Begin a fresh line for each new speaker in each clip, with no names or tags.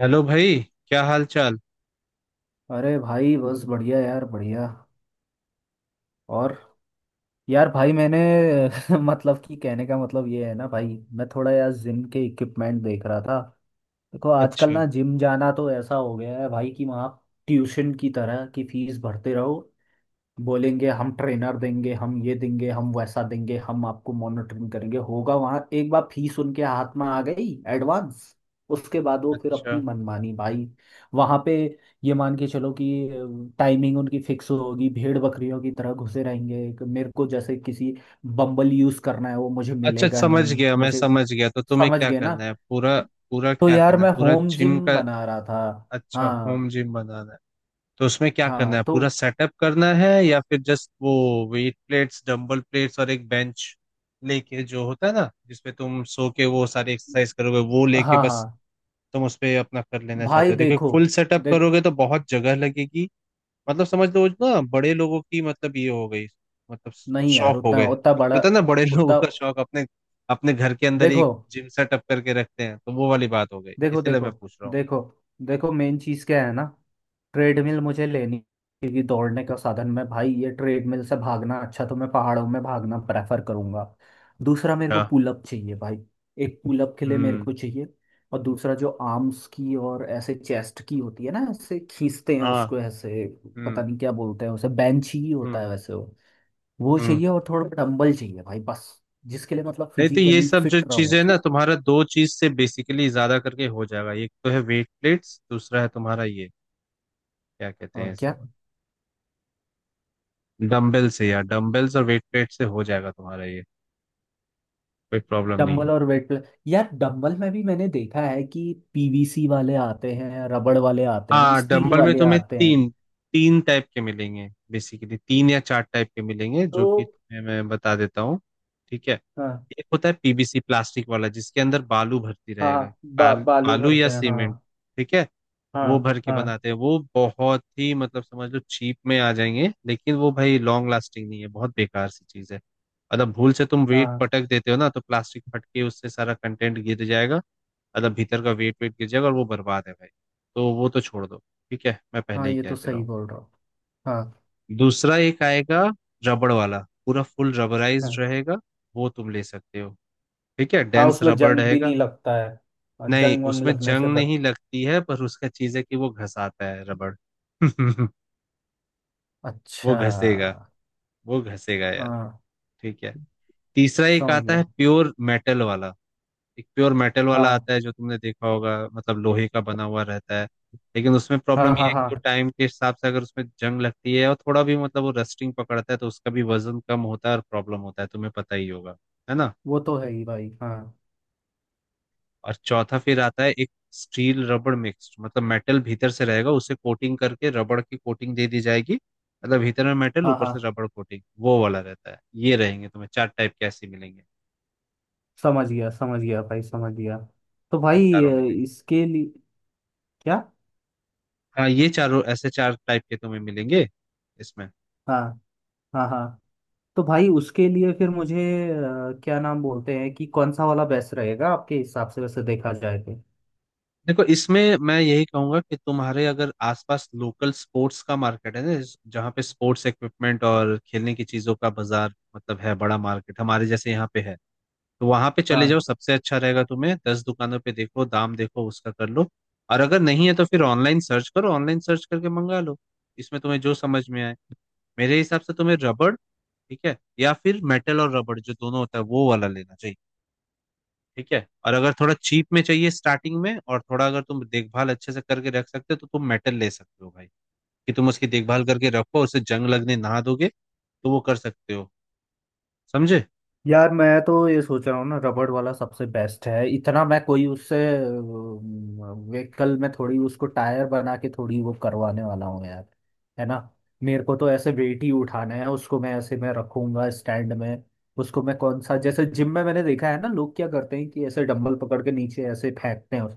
Hello भाई, क्या हाल चाल।
अरे भाई बस बढ़िया यार बढ़िया। और यार भाई मैंने मतलब कि कहने का मतलब ये है ना भाई मैं थोड़ा यार जिम के इक्विपमेंट देख रहा था। देखो आजकल
अच्छा।
ना जिम जाना तो ऐसा हो गया है भाई कि वहाँ ट्यूशन की तरह की फीस भरते रहो। बोलेंगे हम ट्रेनर देंगे हम ये देंगे हम वैसा देंगे हम आपको मॉनिटरिंग करेंगे, होगा वहां एक बार फीस उनके हाथ में आ गई एडवांस, उसके बाद वो फिर
अच्छा।
अपनी मनमानी भाई वहां पे। ये मान के चलो कि टाइमिंग उनकी फिक्स होगी, भेड़ बकरियों की तरह घुसे रहेंगे, कि मेरे को जैसे किसी बम्बल यूज करना है वो मुझे
अच्छा,
मिलेगा
समझ
नहीं
गया, मैं
मुझे।
समझ गया। तो तुम्हें
समझ
क्या
गए ना।
करना है पूरा, पूरा
तो
क्या
यार
करना है,
मैं
पूरा
होम
जिम
जिम
का?
बना रहा था।
अच्छा, होम
हाँ।
जिम बनाना है। तो उसमें क्या करना
हाँ
है,
तो।
पूरा सेटअप करना है या फिर जस्ट वो वेट प्लेट्स, डंबल प्लेट्स और एक बेंच लेके जो होता है ना, जिसपे तुम सो के वो सारी एक्सरसाइज करोगे, वो लेके
हाँ
बस
हाँ।
तुम उस पे अपना कर लेना चाहते
भाई
हो? देखो
देखो।
फुल सेटअप
देख।
करोगे तो बहुत जगह लगेगी। मतलब समझ लो ना, बड़े लोगों की मतलब ये हो गई, मतलब
नहीं यार
शौक हो
उतना
गए।
उतना बड़ा।
पता है ना, बड़े लोगों
उतना।
का शौक अपने अपने घर के अंदर ही एक
देखो
जिम सेटअप करके रखते हैं, तो वो वाली बात हो गई,
देखो
इसलिए
देखो
मैं पूछ रहा हूँ।
देखो देखो मेन चीज़ क्या है ना। ट्रेडमिल मुझे लेनी, क्योंकि दौड़ने का साधन में भाई, ये ट्रेडमिल से भागना अच्छा तो मैं पहाड़ों में भागना प्रेफर करूंगा। दूसरा मेरे
अच्छा।
को पुलअप चाहिए भाई। एक पुलअप के लिए मेरे
हम्म।
को चाहिए। और दूसरा जो आर्म्स की और ऐसे चेस्ट की होती है ना ऐसे खींचते हैं
हाँ।
उसको ऐसे, पता
हम्म।
नहीं क्या बोलते हैं उसे, बेंच ही होता
हम्म।
है वैसे। वो
हम्म।
चाहिए और थोड़ा डंबल चाहिए भाई बस। जिसके लिए मतलब
नहीं तो ये
फिजिकली
सब जो
फिट रहूँ।
चीजें ना, तुम्हारा दो चीज से बेसिकली ज्यादा करके हो जाएगा। एक तो है वेट प्लेट्स, दूसरा है तुम्हारा ये, क्या कहते हैं
और क्या।
इसे, डम्बल से यार। डम्बल और वेट प्लेट से हो जाएगा तुम्हारा ये, कोई प्रॉब्लम नहीं है।
डंबल और वेट प्लस। यार डंबल में भी मैंने देखा है कि पीवीसी वाले आते हैं, रबड़ वाले आते हैं,
हाँ,
स्टील
डंबल में
वाले
तुम्हें
आते हैं।
तीन तीन टाइप के मिलेंगे, बेसिकली तीन या चार टाइप के मिलेंगे,
तो।
जो कि तुम्हें मैं बता देता हूँ। ठीक है,
हाँ
एक होता है पीबीसी प्लास्टिक वाला, जिसके अंदर बालू भर्ती रहेगा।
हाँ, बालू
बालू या
भरते हैं,
सीमेंट,
हाँ।
ठीक है। वो
हाँ
भर के
हाँ
बनाते हैं, वो बहुत ही मतलब समझ लो चीप में आ जाएंगे, लेकिन वो भाई लॉन्ग लास्टिंग नहीं है, बहुत बेकार सी चीज है। मतलब भूल से तुम वेट
हाँ।
पटक देते हो ना, तो प्लास्टिक फट के उससे सारा कंटेंट गिर जाएगा, मतलब भीतर का वेट वेट गिर जाएगा और वो बर्बाद है भाई। तो वो तो छोड़ दो, ठीक है, मैं पहले
हाँ
ही
ये
कह
तो
दे रहा
सही
हूँ।
बोल रहा हूँ। हाँ
दूसरा एक आएगा रबड़ वाला, पूरा फुल रबराइज्ड
हाँ।
रहेगा। वो तुम ले सकते हो, ठीक है,
हाँ।
डेंस
उसमें
रबड़
जंग भी
रहेगा।
नहीं लगता है और
नहीं,
जंग वंग
उसमें
लगने से
जंग
बच।
नहीं लगती है, पर उसका चीज है कि वो घसाता है रबड़। वो
अच्छा।
घसेगा, वो घसेगा यार,
हाँ
ठीक है। तीसरा एक
समझ
आता है
गया।
प्योर मेटल वाला। एक प्योर मेटल वाला
हाँ
आता है, जो तुमने देखा होगा, मतलब लोहे का बना हुआ रहता है। लेकिन उसमें
हाँ
प्रॉब्लम ये
हाँ।
है कि
हाँ
वो टाइम के हिसाब से अगर उसमें जंग लगती है और थोड़ा भी मतलब वो रस्टिंग पकड़ता है, तो उसका भी वजन कम होता है और प्रॉब्लम होता है, तुम्हें पता ही होगा, है ना।
वो तो है ही भाई हाँ।
और चौथा फिर आता है एक स्टील रबड़ मिक्स, मतलब मेटल भीतर से रहेगा, उसे कोटिंग करके रबड़ की कोटिंग दे दी जाएगी, मतलब भीतर में मेटल
हाँ
ऊपर
हाँ।
से रबड़ कोटिंग, वो वाला रहता है। ये रहेंगे, तुम्हें चार टाइप के ऐसे मिलेंगे।
समझ गया भाई समझ गया। तो
ये
भाई
चारों मिलेंगे,
इसके लिए। क्या।
हाँ ये चारों, ऐसे चार टाइप के तुम्हें मिलेंगे इसमें।
हाँ। हाँ हाँ। तो भाई उसके लिए फिर मुझे क्या नाम बोलते हैं, कि कौन सा वाला बेस्ट रहेगा आपके हिसाब से वैसे देखा जाए तो।
देखो इसमें मैं यही कहूंगा कि तुम्हारे अगर आसपास लोकल स्पोर्ट्स का मार्केट है ना, जहाँ पे स्पोर्ट्स इक्विपमेंट और खेलने की चीजों का बाजार मतलब है, बड़ा मार्केट हमारे जैसे यहाँ पे है, तो वहां पे चले जाओ,
हाँ।
सबसे अच्छा रहेगा। तुम्हें 10 दुकानों पे देखो, दाम देखो, उसका कर लो। और अगर नहीं है, तो फिर ऑनलाइन सर्च करो, ऑनलाइन सर्च करके मंगा लो। इसमें तुम्हें जो समझ में आए। मेरे हिसाब से तुम्हें रबड़, ठीक है, या फिर मेटल और रबड़ जो दोनों होता है वो वाला लेना चाहिए, ठीक है। और अगर थोड़ा चीप में चाहिए स्टार्टिंग में, और थोड़ा अगर तुम देखभाल अच्छे से करके रख सकते हो, तो तुम मेटल ले सकते हो भाई। कि तुम उसकी देखभाल करके रखो, उसे जंग लगने ना दोगे, तो वो कर सकते हो। समझे।
यार मैं तो ये सोच रहा हूँ ना रबड़ वाला सबसे बेस्ट है, इतना मैं कोई उससे व्हीकल में थोड़ी उसको टायर बना के थोड़ी वो करवाने वाला हूँ यार, है ना। मेरे को तो ऐसे वेट ही उठाना है, उसको मैं ऐसे मैं रखूंगा स्टैंड में। उसको मैं कौन सा, जैसे जिम में मैंने देखा है ना लोग क्या करते हैं कि ऐसे डंबल पकड़ के नीचे ऐसे फेंकते हैं।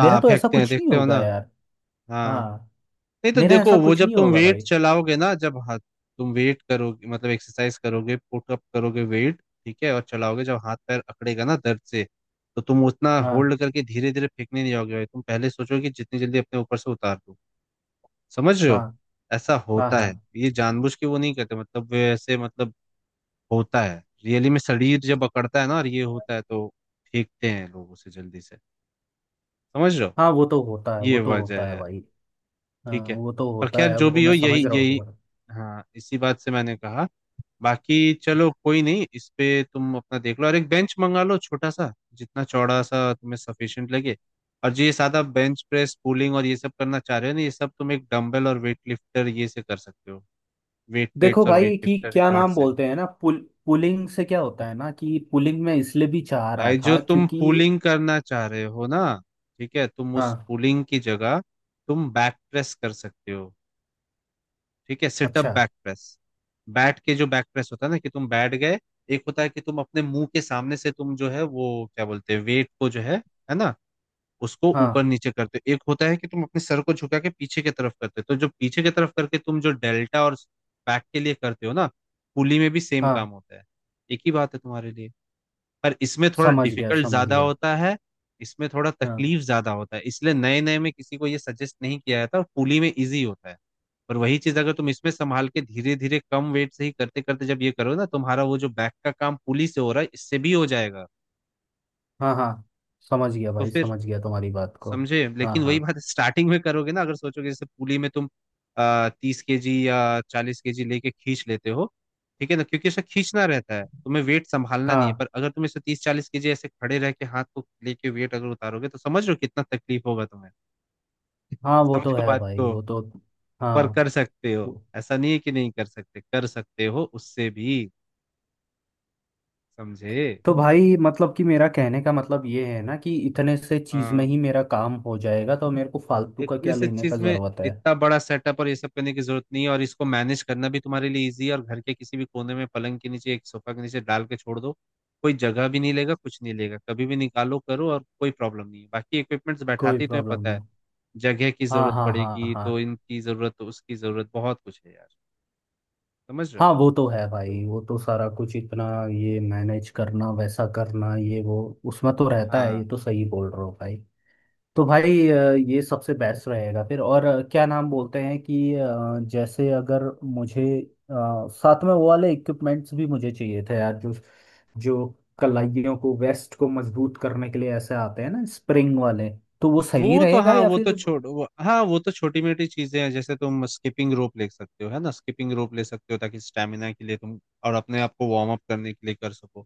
मेरा तो ऐसा
फेंकते हैं,
कुछ नहीं
देखते हो ना।
होगा यार।
हाँ।
हाँ।
नहीं तो
मेरा ऐसा
देखो, वो
कुछ
जब
नहीं
तुम
होगा
वेट
भाई।
चलाओगे ना, जब हाथ, तुम वेट करोगे, मतलब एक्सरसाइज करोगे, पुटअप करोगे वेट, ठीक है, और चलाओगे, जब हाथ पैर अकड़ेगा ना दर्द से, तो तुम उतना
हाँ।
होल्ड करके धीरे धीरे फेंकने नहीं जाओगे भाई, तुम पहले सोचोगे कि जितनी जल्दी अपने ऊपर से उतार दो। समझ रहे
हाँ
हो। ऐसा
हाँ।
होता है,
हाँ
ये जानबूझ के वो नहीं करते, मतलब वे ऐसे, मतलब होता है, रियली में शरीर जब अकड़ता है ना और ये होता है, तो फेंकते हैं लोग उसे जल्दी से। समझ रहे हो,
हाँ वो तो होता है,
ये
वो तो
वजह
होता
है
है
यार।
भाई। हाँ
ठीक है।
वो तो
पर
होता
खैर,
है,
जो
वो
भी हो,
मैं
यही
समझ रहा हूँ
यही
तुम्हारा।
हाँ इसी बात से मैंने कहा। बाकी चलो कोई नहीं, इस पे तुम अपना देख लो और एक बेंच मंगा लो, छोटा सा, जितना चौड़ा सा तुम्हें सफिशिएंट लगे। और जो ये सादा बेंच प्रेस, पुलिंग और ये सब करना चाह रहे हो ना, ये सब तुम एक डंबल और वेट लिफ्टर ये से कर सकते हो, वेट
देखो
प्लेट्स और वेट
भाई कि
लिफ्टर
क्या
रॉड
नाम
से।
बोलते हैं ना, पुलिंग से क्या होता है ना, कि पुलिंग में इसलिए भी चाह रहा
भाई जो
था
तुम
क्योंकि।
पुलिंग करना चाह रहे हो ना, ठीक है, तुम उस
हाँ।
पुलिंग की जगह तुम बैक प्रेस कर सकते हो। ठीक है, सिटअप
अच्छा।
बैक प्रेस, बैठ के जो बैक प्रेस होता है ना, कि तुम बैठ गए। एक होता है कि तुम अपने मुंह के सामने से तुम जो है वो, क्या बोलते हैं, वेट को जो है ना, उसको ऊपर
हाँ
नीचे करते हो। एक होता है कि तुम अपने सर को झुका के पीछे की तरफ करते हो, तो जो पीछे की तरफ करके तुम जो डेल्टा और बैक के लिए करते हो ना, पुली में भी सेम
हाँ,
काम होता है। एक ही बात है तुम्हारे लिए, पर इसमें थोड़ा
समझ गया
डिफिकल्ट
समझ
ज्यादा
गया।
होता है। इसमें थोड़ा
हाँ।
तकलीफ ज्यादा होता है, इसलिए नए नए में किसी को ये सजेस्ट नहीं किया जाता, और पुली में इजी होता है। पर वही चीज अगर तुम इसमें संभाल के धीरे धीरे कम वेट से ही करते करते जब ये करो ना, तुम्हारा वो जो बैक का काम पुली से हो रहा है, इससे भी हो जाएगा।
हाँ हाँ समझ गया
तो
भाई,
फिर,
समझ गया तुम्हारी बात को।
समझे।
हाँ
लेकिन
हाँ।
वही बात स्टार्टिंग में करोगे ना, अगर सोचोगे जैसे पुली में तुम 30 kg या 40 kg लेके खींच लेते हो, ठीक है ना, क्योंकि ऐसा खींचना रहता है, तुम्हें वेट संभालना नहीं है।
हाँ
पर अगर तुम इसे 30-40 kg ऐसे खड़े रह के हाथ को लेके वेट अगर उतारोगे, तो समझ लो कितना तकलीफ होगा तुम्हें।
हाँ वो तो
समझो
है
बात
भाई
को।
वो तो। हाँ।
पर कर सकते हो,
वो-
ऐसा नहीं है कि नहीं कर सकते, कर सकते हो उससे भी। समझे।
तो भाई मतलब कि मेरा कहने का मतलब ये है ना, कि इतने से चीज़ में
हाँ,
ही मेरा काम हो जाएगा, तो मेरे को फालतू का
इतने
क्या
से
लेने का
चीज में,
ज़रूरत है।
इतना बड़ा सेटअप और ये सब करने की जरूरत नहीं है, और इसको मैनेज करना भी तुम्हारे लिए इजी है। और घर के किसी भी कोने में पलंग के नीचे, एक सोफा के नीचे डाल के छोड़ दो, कोई जगह भी नहीं लेगा, कुछ नहीं लेगा, कभी भी निकालो करो और कोई प्रॉब्लम नहीं है। बाकी इक्विपमेंट्स
कोई
बैठाते ही तुम्हें
प्रॉब्लम
पता है,
नहीं।
जगह की
हाँ
जरूरत
हाँ हाँ
पड़ेगी,
हाँ।
तो इनकी जरूरत, तो उसकी जरूरत, बहुत कुछ है यार। समझ रहे हो।
हाँ वो तो है भाई, वो तो सारा कुछ इतना, ये मैनेज करना वैसा करना ये वो, उसमें तो रहता है, ये
हाँ,
तो सही बोल रहे हो भाई। तो भाई ये सबसे बेस्ट रहेगा फिर। और क्या नाम बोलते हैं कि जैसे अगर मुझे साथ में वो वाले इक्विपमेंट्स भी मुझे चाहिए थे यार, जो जो कलाइयों को वेस्ट को मजबूत करने के लिए ऐसे आते हैं ना स्प्रिंग वाले, तो वो सही
वो तो,
रहेगा
हाँ
या
वो तो
फिर।
हाँ वो तो छोटी मोटी चीजें हैं। जैसे तुम स्किपिंग रोप ले सकते हो, है ना, स्किपिंग रोप ले सकते हो, ताकि स्टेमिना के लिए तुम और अपने आप को वार्म अप करने के लिए कर सको।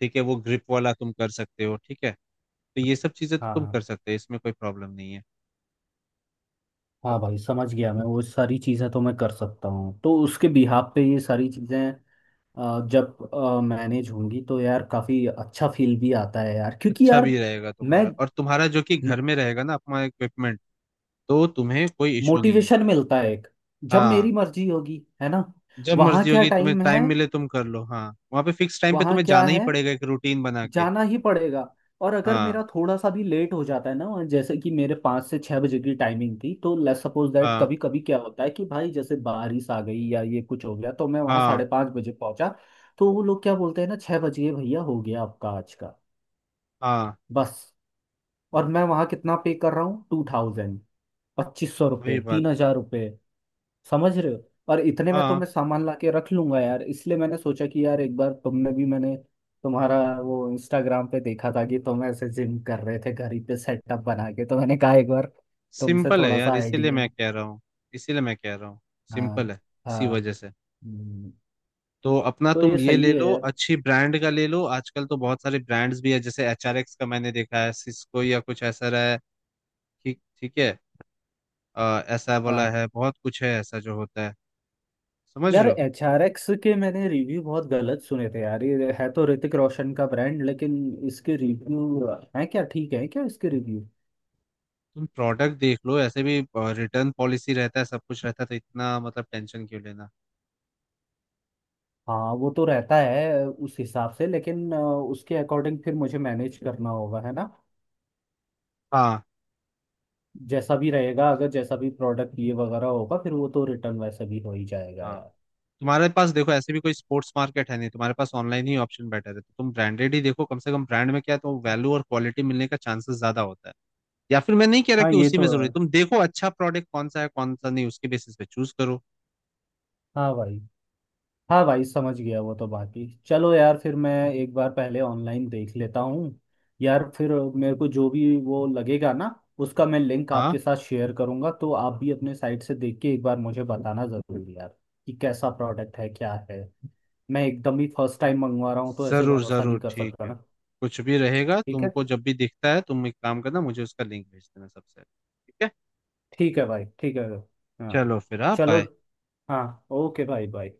ठीक है, वो ग्रिप वाला तुम कर सकते हो, ठीक है। तो ये सब चीजें तो तुम कर
हाँ।
सकते हो, इसमें कोई प्रॉब्लम नहीं है।
हाँ भाई समझ गया, मैं वो सारी चीज़ें तो मैं कर सकता हूँ, तो उसके बिहाफ पे ये सारी चीज़ें जब मैनेज होंगी तो यार काफ़ी अच्छा फील भी आता है यार, क्योंकि
अच्छा
यार
भी रहेगा
मैं
तुम्हारा, और तुम्हारा जो कि घर में रहेगा ना अपना इक्विपमेंट, तो तुम्हें कोई इशू नहीं है।
मोटिवेशन मिलता है एक, जब
हाँ।
मेरी मर्जी होगी है ना।
जब
वहाँ
मर्जी
क्या
होगी, तुम्हें
टाइम है।
टाइम मिले, तुम कर लो, हाँ। वहां पे फिक्स टाइम पे
वहाँ
तुम्हें
क्या
जाना ही
है।
पड़ेगा, एक रूटीन बना के।
जाना ही पड़ेगा। और अगर मेरा
हाँ।
थोड़ा सा भी लेट हो जाता है ना, और जैसे कि मेरे 5 से 6 बजे की टाइमिंग थी, तो लेट्स सपोज दैट,
हाँ।
कभी कभी क्या होता है कि भाई, जैसे बारिश आ गई या ये कुछ हो गया, तो मैं वहाँ साढ़े
हाँ।
पाँच बजे पहुंचा। तो वो लोग क्या बोलते हैं ना, 6 बजे भैया हो गया आपका आज का,
हाँ,
बस। और मैं वहाँ कितना पे कर रहा हूँ, 2000, 2500
वही
रुपये, तीन
बात है।
हजार रुपये। समझ रहे हो। और इतने में तो
हाँ,
मैं सामान ला के रख लूंगा यार, इसलिए मैंने सोचा कि यार एक बार तुमने भी, मैंने तुम्हारा वो इंस्टाग्राम पे देखा था कि तुम ऐसे जिम कर रहे थे घर ही पे सेटअप बना के, तो मैंने कहा एक बार तुमसे
सिंपल है
थोड़ा
यार,
सा
इसीलिए
आइडिया।
मैं कह रहा हूँ। इसीलिए मैं कह रहा हूँ, सिंपल
हाँ।
है, इसी
हाँ।
वजह से।
हम्म।
तो अपना
तो
तुम
ये
ये
सही
ले
है
लो,
यार।
अच्छी ब्रांड का ले लो। आजकल तो बहुत सारे ब्रांड्स भी है, जैसे HRX का मैंने देखा है, सिस्को या कुछ ऐसा रहा है, ठीक ठीक है। ऐसा वाला
हाँ।
है, बहुत कुछ है ऐसा जो होता है। समझ
यार
रहे हो।
HRX के मैंने रिव्यू बहुत गलत सुने थे यार, ये है तो ऋतिक रोशन का ब्रांड लेकिन। इसके रिव्यू हैं क्या, ठीक है क्या इसके रिव्यू।
तुम प्रोडक्ट देख लो, ऐसे भी रिटर्न पॉलिसी रहता है, सब कुछ रहता है, तो इतना मतलब टेंशन क्यों लेना।
हाँ वो तो रहता है उस हिसाब से, लेकिन उसके अकॉर्डिंग फिर मुझे मैनेज करना होगा है ना।
हाँ।
जैसा भी रहेगा, अगर जैसा भी प्रोडक्ट ये वगैरह होगा, फिर वो तो रिटर्न वैसे भी हो ही जाएगा
हाँ,
यार।
तुम्हारे पास देखो ऐसे भी कोई स्पोर्ट्स मार्केट है नहीं, तुम्हारे पास ऑनलाइन ही ऑप्शन बेटर है, तो तुम ब्रांडेड ही देखो कम से कम, ब्रांड में क्या है तो वैल्यू और क्वालिटी मिलने का चांसेस ज्यादा होता है। या फिर मैं नहीं कह रहा
हाँ
कि
ये
उसी
तो
में
है।
जरूरी, तुम देखो अच्छा प्रोडक्ट कौन सा है, कौन सा नहीं, उसके बेसिस पे चूज करो।
हाँ भाई। हाँ भाई समझ गया, वो तो बाकी चलो यार, फिर मैं एक बार पहले ऑनलाइन देख लेता हूँ यार। फिर मेरे को जो भी वो लगेगा ना, उसका मैं लिंक
हाँ,
आपके साथ शेयर करूँगा, तो आप भी अपने साइट से देख के एक बार मुझे बताना ज़रूरी यार, कि कैसा प्रोडक्ट है क्या है। मैं एकदम ही फर्स्ट टाइम मंगवा रहा हूँ, तो ऐसे
जरूर
भरोसा नहीं
जरूर,
कर
ठीक
सकता
है।
ना।
कुछ भी रहेगा,
ठीक है।
तुमको जब भी दिखता है, तुम एक काम करना, मुझे उसका लिंक भेज देना सबसे, ठीक है।
ठीक है भाई, ठीक है। हाँ।
चलो फिर, हाँ
चलो।
बाय।
हाँ, ओके भाई, बाय।